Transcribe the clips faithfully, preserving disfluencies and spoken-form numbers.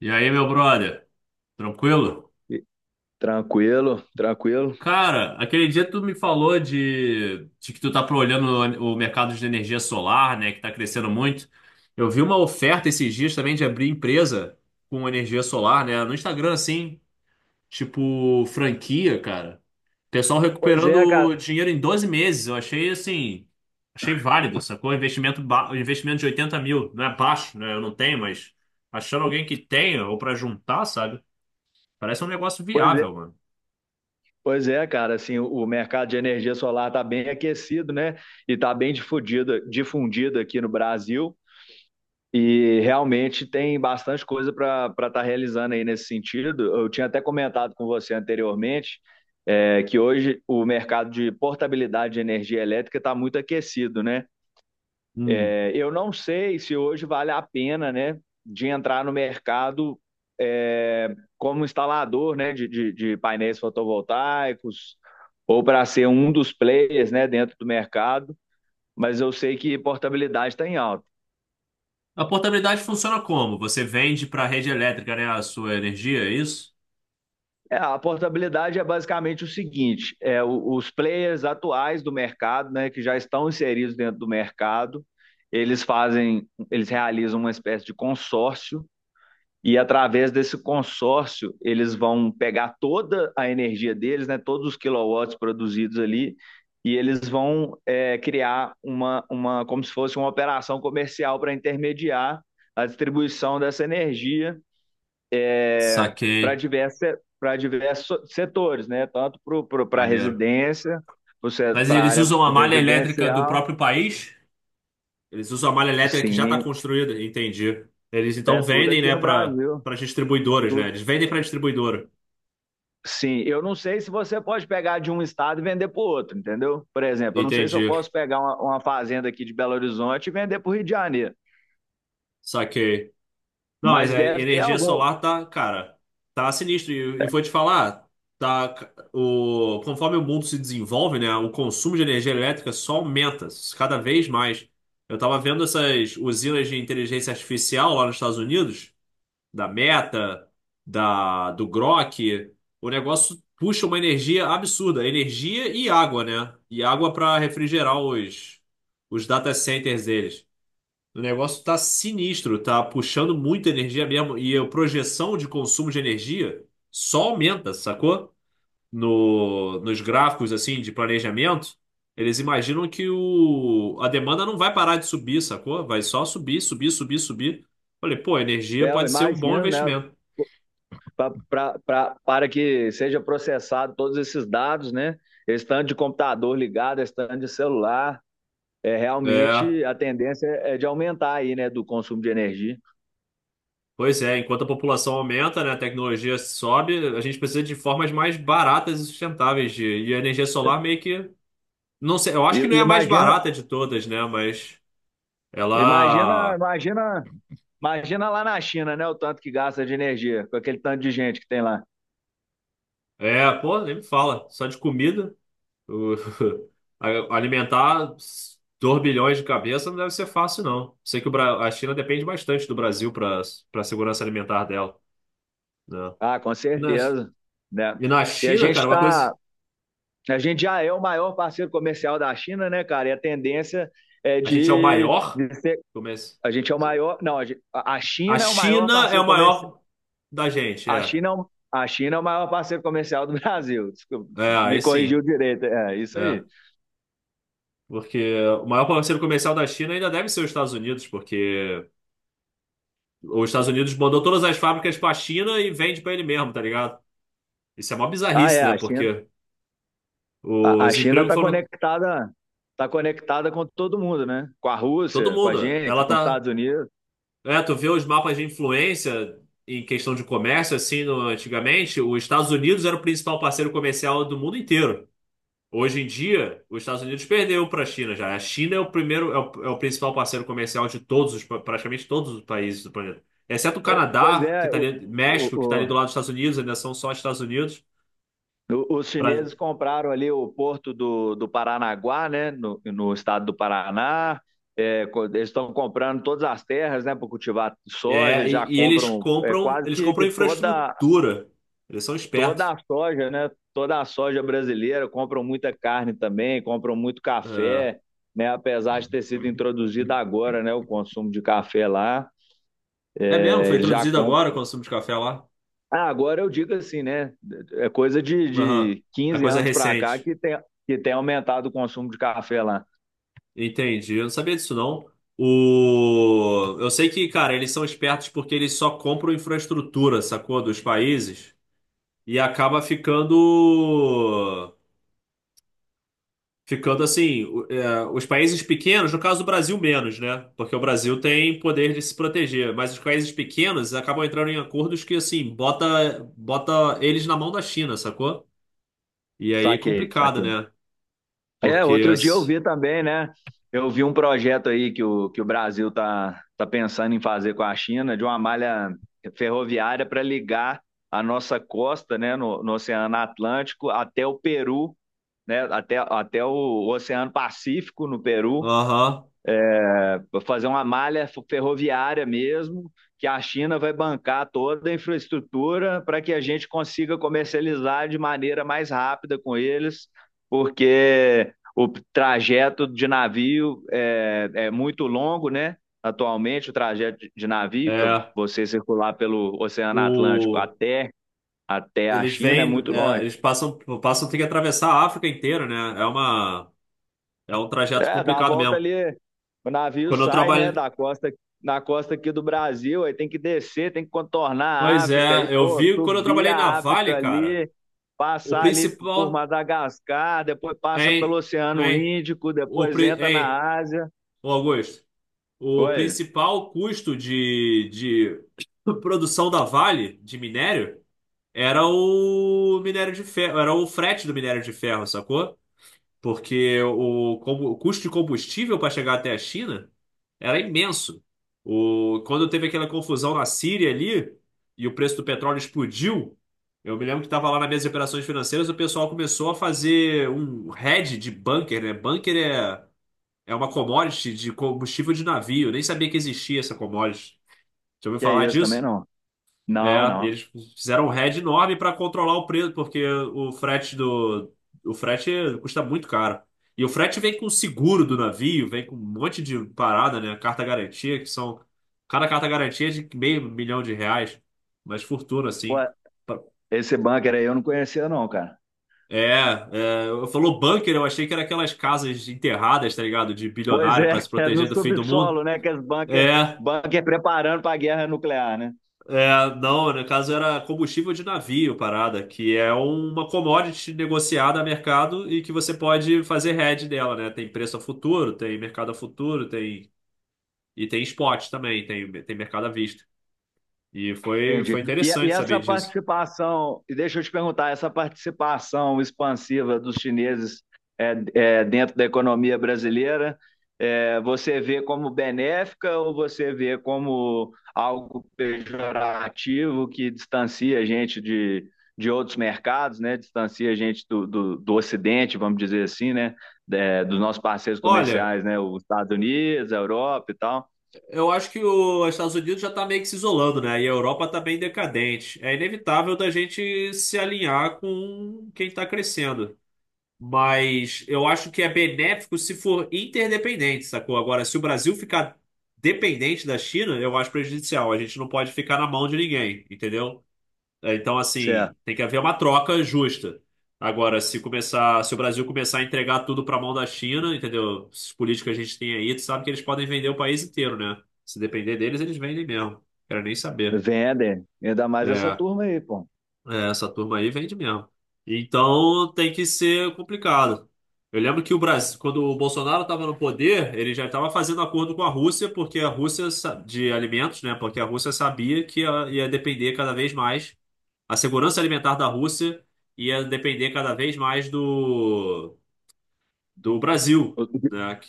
E aí, meu brother? Tranquilo? E- Tranquilo, tranquilo. Cara, aquele dia tu me falou de, de que tu tá olhando o o mercado de energia solar, né, que tá crescendo muito. Eu vi uma oferta esses dias também de abrir empresa com energia solar, né, no Instagram, assim, tipo franquia, cara. Pessoal Pois é, cara. recuperando dinheiro em doze meses. Eu achei, assim, achei válido, sacou? Investimento, ba- investimento de oitenta mil. Não é baixo, né? Eu não tenho, mas achando alguém que tenha ou pra juntar, sabe? Parece um negócio Pois é, viável, mano. pois é, cara. Assim, o o mercado de energia solar está bem aquecido, né? E está bem difundido, difundido aqui no Brasil. E realmente tem bastante coisa para para estar realizando aí nesse sentido. Eu tinha até comentado com você anteriormente, é, que hoje o mercado de portabilidade de energia elétrica está muito aquecido, né? Hum. É, eu não sei se hoje vale a pena, né, de entrar no mercado é, como instalador, né, de, de, de painéis fotovoltaicos ou para ser um dos players, né, dentro do mercado. Mas eu sei que portabilidade está em alta. A portabilidade funciona como? Você vende para a rede elétrica, né, a sua energia, é isso? É, a portabilidade é basicamente o seguinte: é, o- os players atuais do mercado, né, que já estão inseridos dentro do mercado, eles fazem, eles realizam uma espécie de consórcio. E através desse consórcio, eles vão pegar toda a energia deles, né, todos os quilowatts produzidos ali, e eles vão é, criar uma, uma, como se fosse uma operação comercial para intermediar a distribuição dessa energia para Saquei, diversa, para diversos setores, né, tanto para a maneiro. residência, Mas para a eles área usam a malha elétrica do residencial, próprio país? Eles usam a malha elétrica que já está sim, construída, entendi. Eles é então tudo vendem, aqui né, no para Brasil, para distribuidoras, né? tudo. Eles vendem para distribuidora. Sim, eu não sei se você pode pegar de um estado e vender para o outro, entendeu? Por exemplo, eu não sei se eu Entendi. posso pegar uma, uma fazenda aqui de Belo Horizonte e vender para o Rio de Janeiro, Saquei. Não, mas mas a deve ter energia algum, solar tá, cara, tá sinistro. E, e vou te falar, tá, o, conforme o mundo se desenvolve, né, o consumo de energia elétrica só aumenta cada vez mais. Eu tava vendo essas usinas de inteligência artificial lá nos Estados Unidos, da Meta, da, do Grok. O negócio puxa uma energia absurda, energia e água, né? E água para refrigerar os, os data centers deles. O negócio tá sinistro, tá puxando muita energia mesmo. E a projeção de consumo de energia só aumenta, sacou? No, nos gráficos assim de planejamento, eles imaginam que o, a demanda não vai parar de subir, sacou? Vai só subir, subir, subir, subir. Falei, pô, energia é eu pode ser um bom imagino, né? investimento. Pra, pra, pra, para que seja processado todos esses dados, né? Esse tanto de computador ligado, esse tanto de celular, é, É, realmente a tendência é é de aumentar aí, né? Do consumo de energia. pois é, enquanto a população aumenta, né, a tecnologia sobe, a gente precisa de formas mais baratas e sustentáveis de, e a energia solar meio que não sei, eu E, acho que não é e a mais imagina, barata de todas, né? Mas imagina, ela. imagina, imagina lá na China, né? O tanto que gasta de energia, com aquele tanto de gente que tem lá. É, pô, nem me fala. Só de comida. o- a- Alimentar dois bilhões de cabeça não deve ser fácil, não. Sei que o Bra- a China depende bastante do Brasil para para a segurança alimentar dela, né? Ah, com E na... certeza, né? e na E a China, cara, gente uma coisa. tá, a gente já é o maior parceiro comercial da China, né, cara? E a tendência é A gente é o de, maior. de ser, Como é esse? a gente é o maior, não, a gente- a- a A China é o maior China é parceiro o comercial, maior da gente, a é. China é o, a China é o maior parceiro comercial do Brasil. Desculpa, É, aí me corrigiu sim. direito, é isso É. aí. Porque o maior parceiro comercial da China ainda deve ser os Estados Unidos, porque os Estados Unidos mandou todas as fábricas para a China e vende para ele mesmo, tá ligado? Isso é uma Ah, é, bizarrice, né? a China, Porque a, a os China empregos tá foram conectada, tá conectada com todo mundo, né? Com a todo Rússia, com a mundo. gente, Ela com os tá, Estados Unidos. é, tu vê os mapas de influência em questão de comércio assim, no- antigamente, os Estados Unidos era o principal parceiro comercial do mundo inteiro. Hoje em dia, os Estados Unidos perdeu para a China já. A China é o primeiro, é o, é o principal parceiro comercial de todos os, praticamente todos os países do planeta. Exceto o Pois pois Canadá, que é, está o, ali, México, que está o, ali o- do lado dos Estados Unidos, ainda são só Estados Unidos. O- os Pra- chineses compraram ali o porto do, do Paranaguá, né, no, no estado do Paraná. É, co- eles estão comprando todas as terras, né, para cultivar soja. é, Eles já e, e eles compram é, compram, quase eles que, compram que toda, infraestrutura. Eles são toda espertos. a soja, né, toda a soja brasileira. Compram muita carne também, compram muito É, café, né, apesar de ter sido introduzido agora, né, o consumo de café lá. é mesmo, É, foi eles já introduzido compram. agora o consumo de café lá. Ah, agora eu digo assim, né? É coisa de, Aham. de É quinze coisa é anos para cá recente. que tem, que tem aumentado o consumo de café lá. Entendi. Eu não sabia disso, não. O... Eu sei que, cara, eles são espertos porque eles só compram infraestrutura, sacou? Dos países. E acaba ficando. Ficando assim. o- é, os países pequenos, no caso do Brasil, menos, né? Porque o Brasil tem poder de se proteger. Mas os países pequenos acabam entrando em acordos que, assim, bota, bota eles na mão da China, sacou? E aí é Saquei, complicado, saquei. né? É, Porque, outro dia eu assim, vi também, né? Eu vi um projeto aí que o, que o Brasil tá, tá pensando em fazer com a China, de uma malha ferroviária para ligar a nossa costa, né, no, no Oceano Atlântico até o Peru, né, até, até o Oceano Pacífico no Peru. aham. Vai fazer uma malha ferroviária mesmo, que a China vai bancar toda a infraestrutura para que a gente consiga comercializar de maneira mais rápida com eles, porque o trajeto de navio é, é muito longo, né? Atualmente, o trajeto de navio para É. você circular pelo Oceano Atlântico O. até, até a Eles China é vêm, muito é, longe. eles passam, passam, tem que atravessar a África inteira, né? É uma, é um trajeto É, dá a complicado volta mesmo. ali, o navio Quando eu sai, né, trabalhei, da costa, na costa aqui do Brasil, aí tem que descer, tem que contornar a pois África, aí, é, eu pô, vi quando eu subir trabalhei na a África Vale, cara, ali, o passar ali por principal, Madagascar, depois passa pelo hein, Oceano hein, Índico, o, depois pri- entra hein, na Ásia. ô Augusto, o Oi, principal custo de, de produção da Vale de minério era o minério de ferro, era o frete do minério de ferro, sacou? Porque o, combu- o custo de combustível para chegar até a China era imenso. O, quando teve aquela confusão na Síria ali e o preço do petróleo explodiu, eu me lembro que estava lá na mesa de operações financeiras, o pessoal começou a fazer um hedge de bunker, né? Bunker é, é uma commodity de combustível de navio, eu nem sabia que existia essa commodity. Já ouviu que é falar isso também disso? não? É, Não, e não. eles fizeram um head enorme para controlar o preço, porque o frete do o frete custa muito caro. E o frete vem com o seguro do navio, vem com um monte de parada, né? Carta garantia, que são cada carta garantia é de meio milhão de reais, mas fortuna Pô, assim. esse bunker aí eu não conhecia não, cara. É, é, eu falou bunker, eu achei que era aquelas casas enterradas, tá ligado? De Pois bilionário é, para se é no proteger do fim do mundo. subsolo, né, que as bunker, É, bunker preparando para a guerra nuclear, né? é, não, no caso era combustível de navio, parada, que é uma commodity negociada a mercado e que você pode fazer hedge dela, né? Tem preço a futuro, tem mercado a futuro, tem e tem spot também, tem, tem mercado à vista. E foi, Entendi. foi E, e interessante saber essa disso. participação, e deixa eu te perguntar, essa participação expansiva dos chineses é, é, dentro da economia brasileira, é, você vê como benéfica ou você vê como algo pejorativo que distancia a gente de, de outros mercados, né? Distancia a gente do, do, do Ocidente, vamos dizer assim, né? É, dos nossos parceiros Olha, comerciais, né? Os Estados Unidos, a Europa e tal. eu acho que os Estados Unidos já está meio que se isolando, né? E a Europa está bem decadente. É inevitável da gente se alinhar com quem está crescendo. Mas eu acho que é benéfico se for interdependente, sacou? Agora, se o Brasil ficar dependente da China, eu acho prejudicial. A gente não pode ficar na mão de ninguém, entendeu? É, então, Certo. assim, tem que haver uma troca justa. Agora, se começar, se o Brasil começar a entregar tudo para a mão da China, entendeu? Esses políticos que a gente tem aí, tu sabe que eles podem vender o país inteiro, né? Se depender deles, eles vendem mesmo. Quero nem saber. Vendem, ainda mais essa É. turma aí, pô. É, essa turma aí vende mesmo. Então tem que ser complicado. Eu lembro que o Brasil, quando o Bolsonaro estava no poder, ele já estava fazendo acordo com a Rússia, porque a Rússia sa- de alimentos, né? Porque a Rússia sabia que ia, ia depender cada vez mais, a segurança alimentar da Rússia ia depender cada vez mais do, do Brasil, né? Que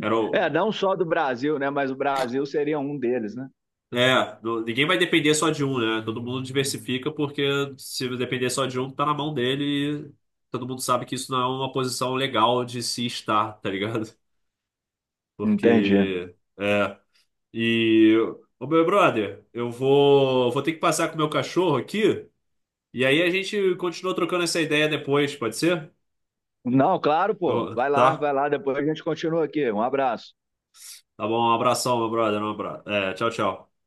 era É, o, não só do Brasil, né? Mas o Brasil seria um deles, né? é, do- ninguém vai depender só de um, né? Todo mundo diversifica porque se depender só de um, tá na mão dele e todo mundo sabe que isso não é uma posição legal de se estar, tá ligado? Entendi. Porque, é, e, ô meu brother, eu vou, vou ter que passar com o meu cachorro aqui e aí a gente continua trocando essa ideia depois, pode ser? Não, claro, pô. Eu- Vai lá, tá? vai lá. Depois a gente continua aqui. Um abraço. Tá bom, um abração, meu brother, um abra- é, tchau, tchau.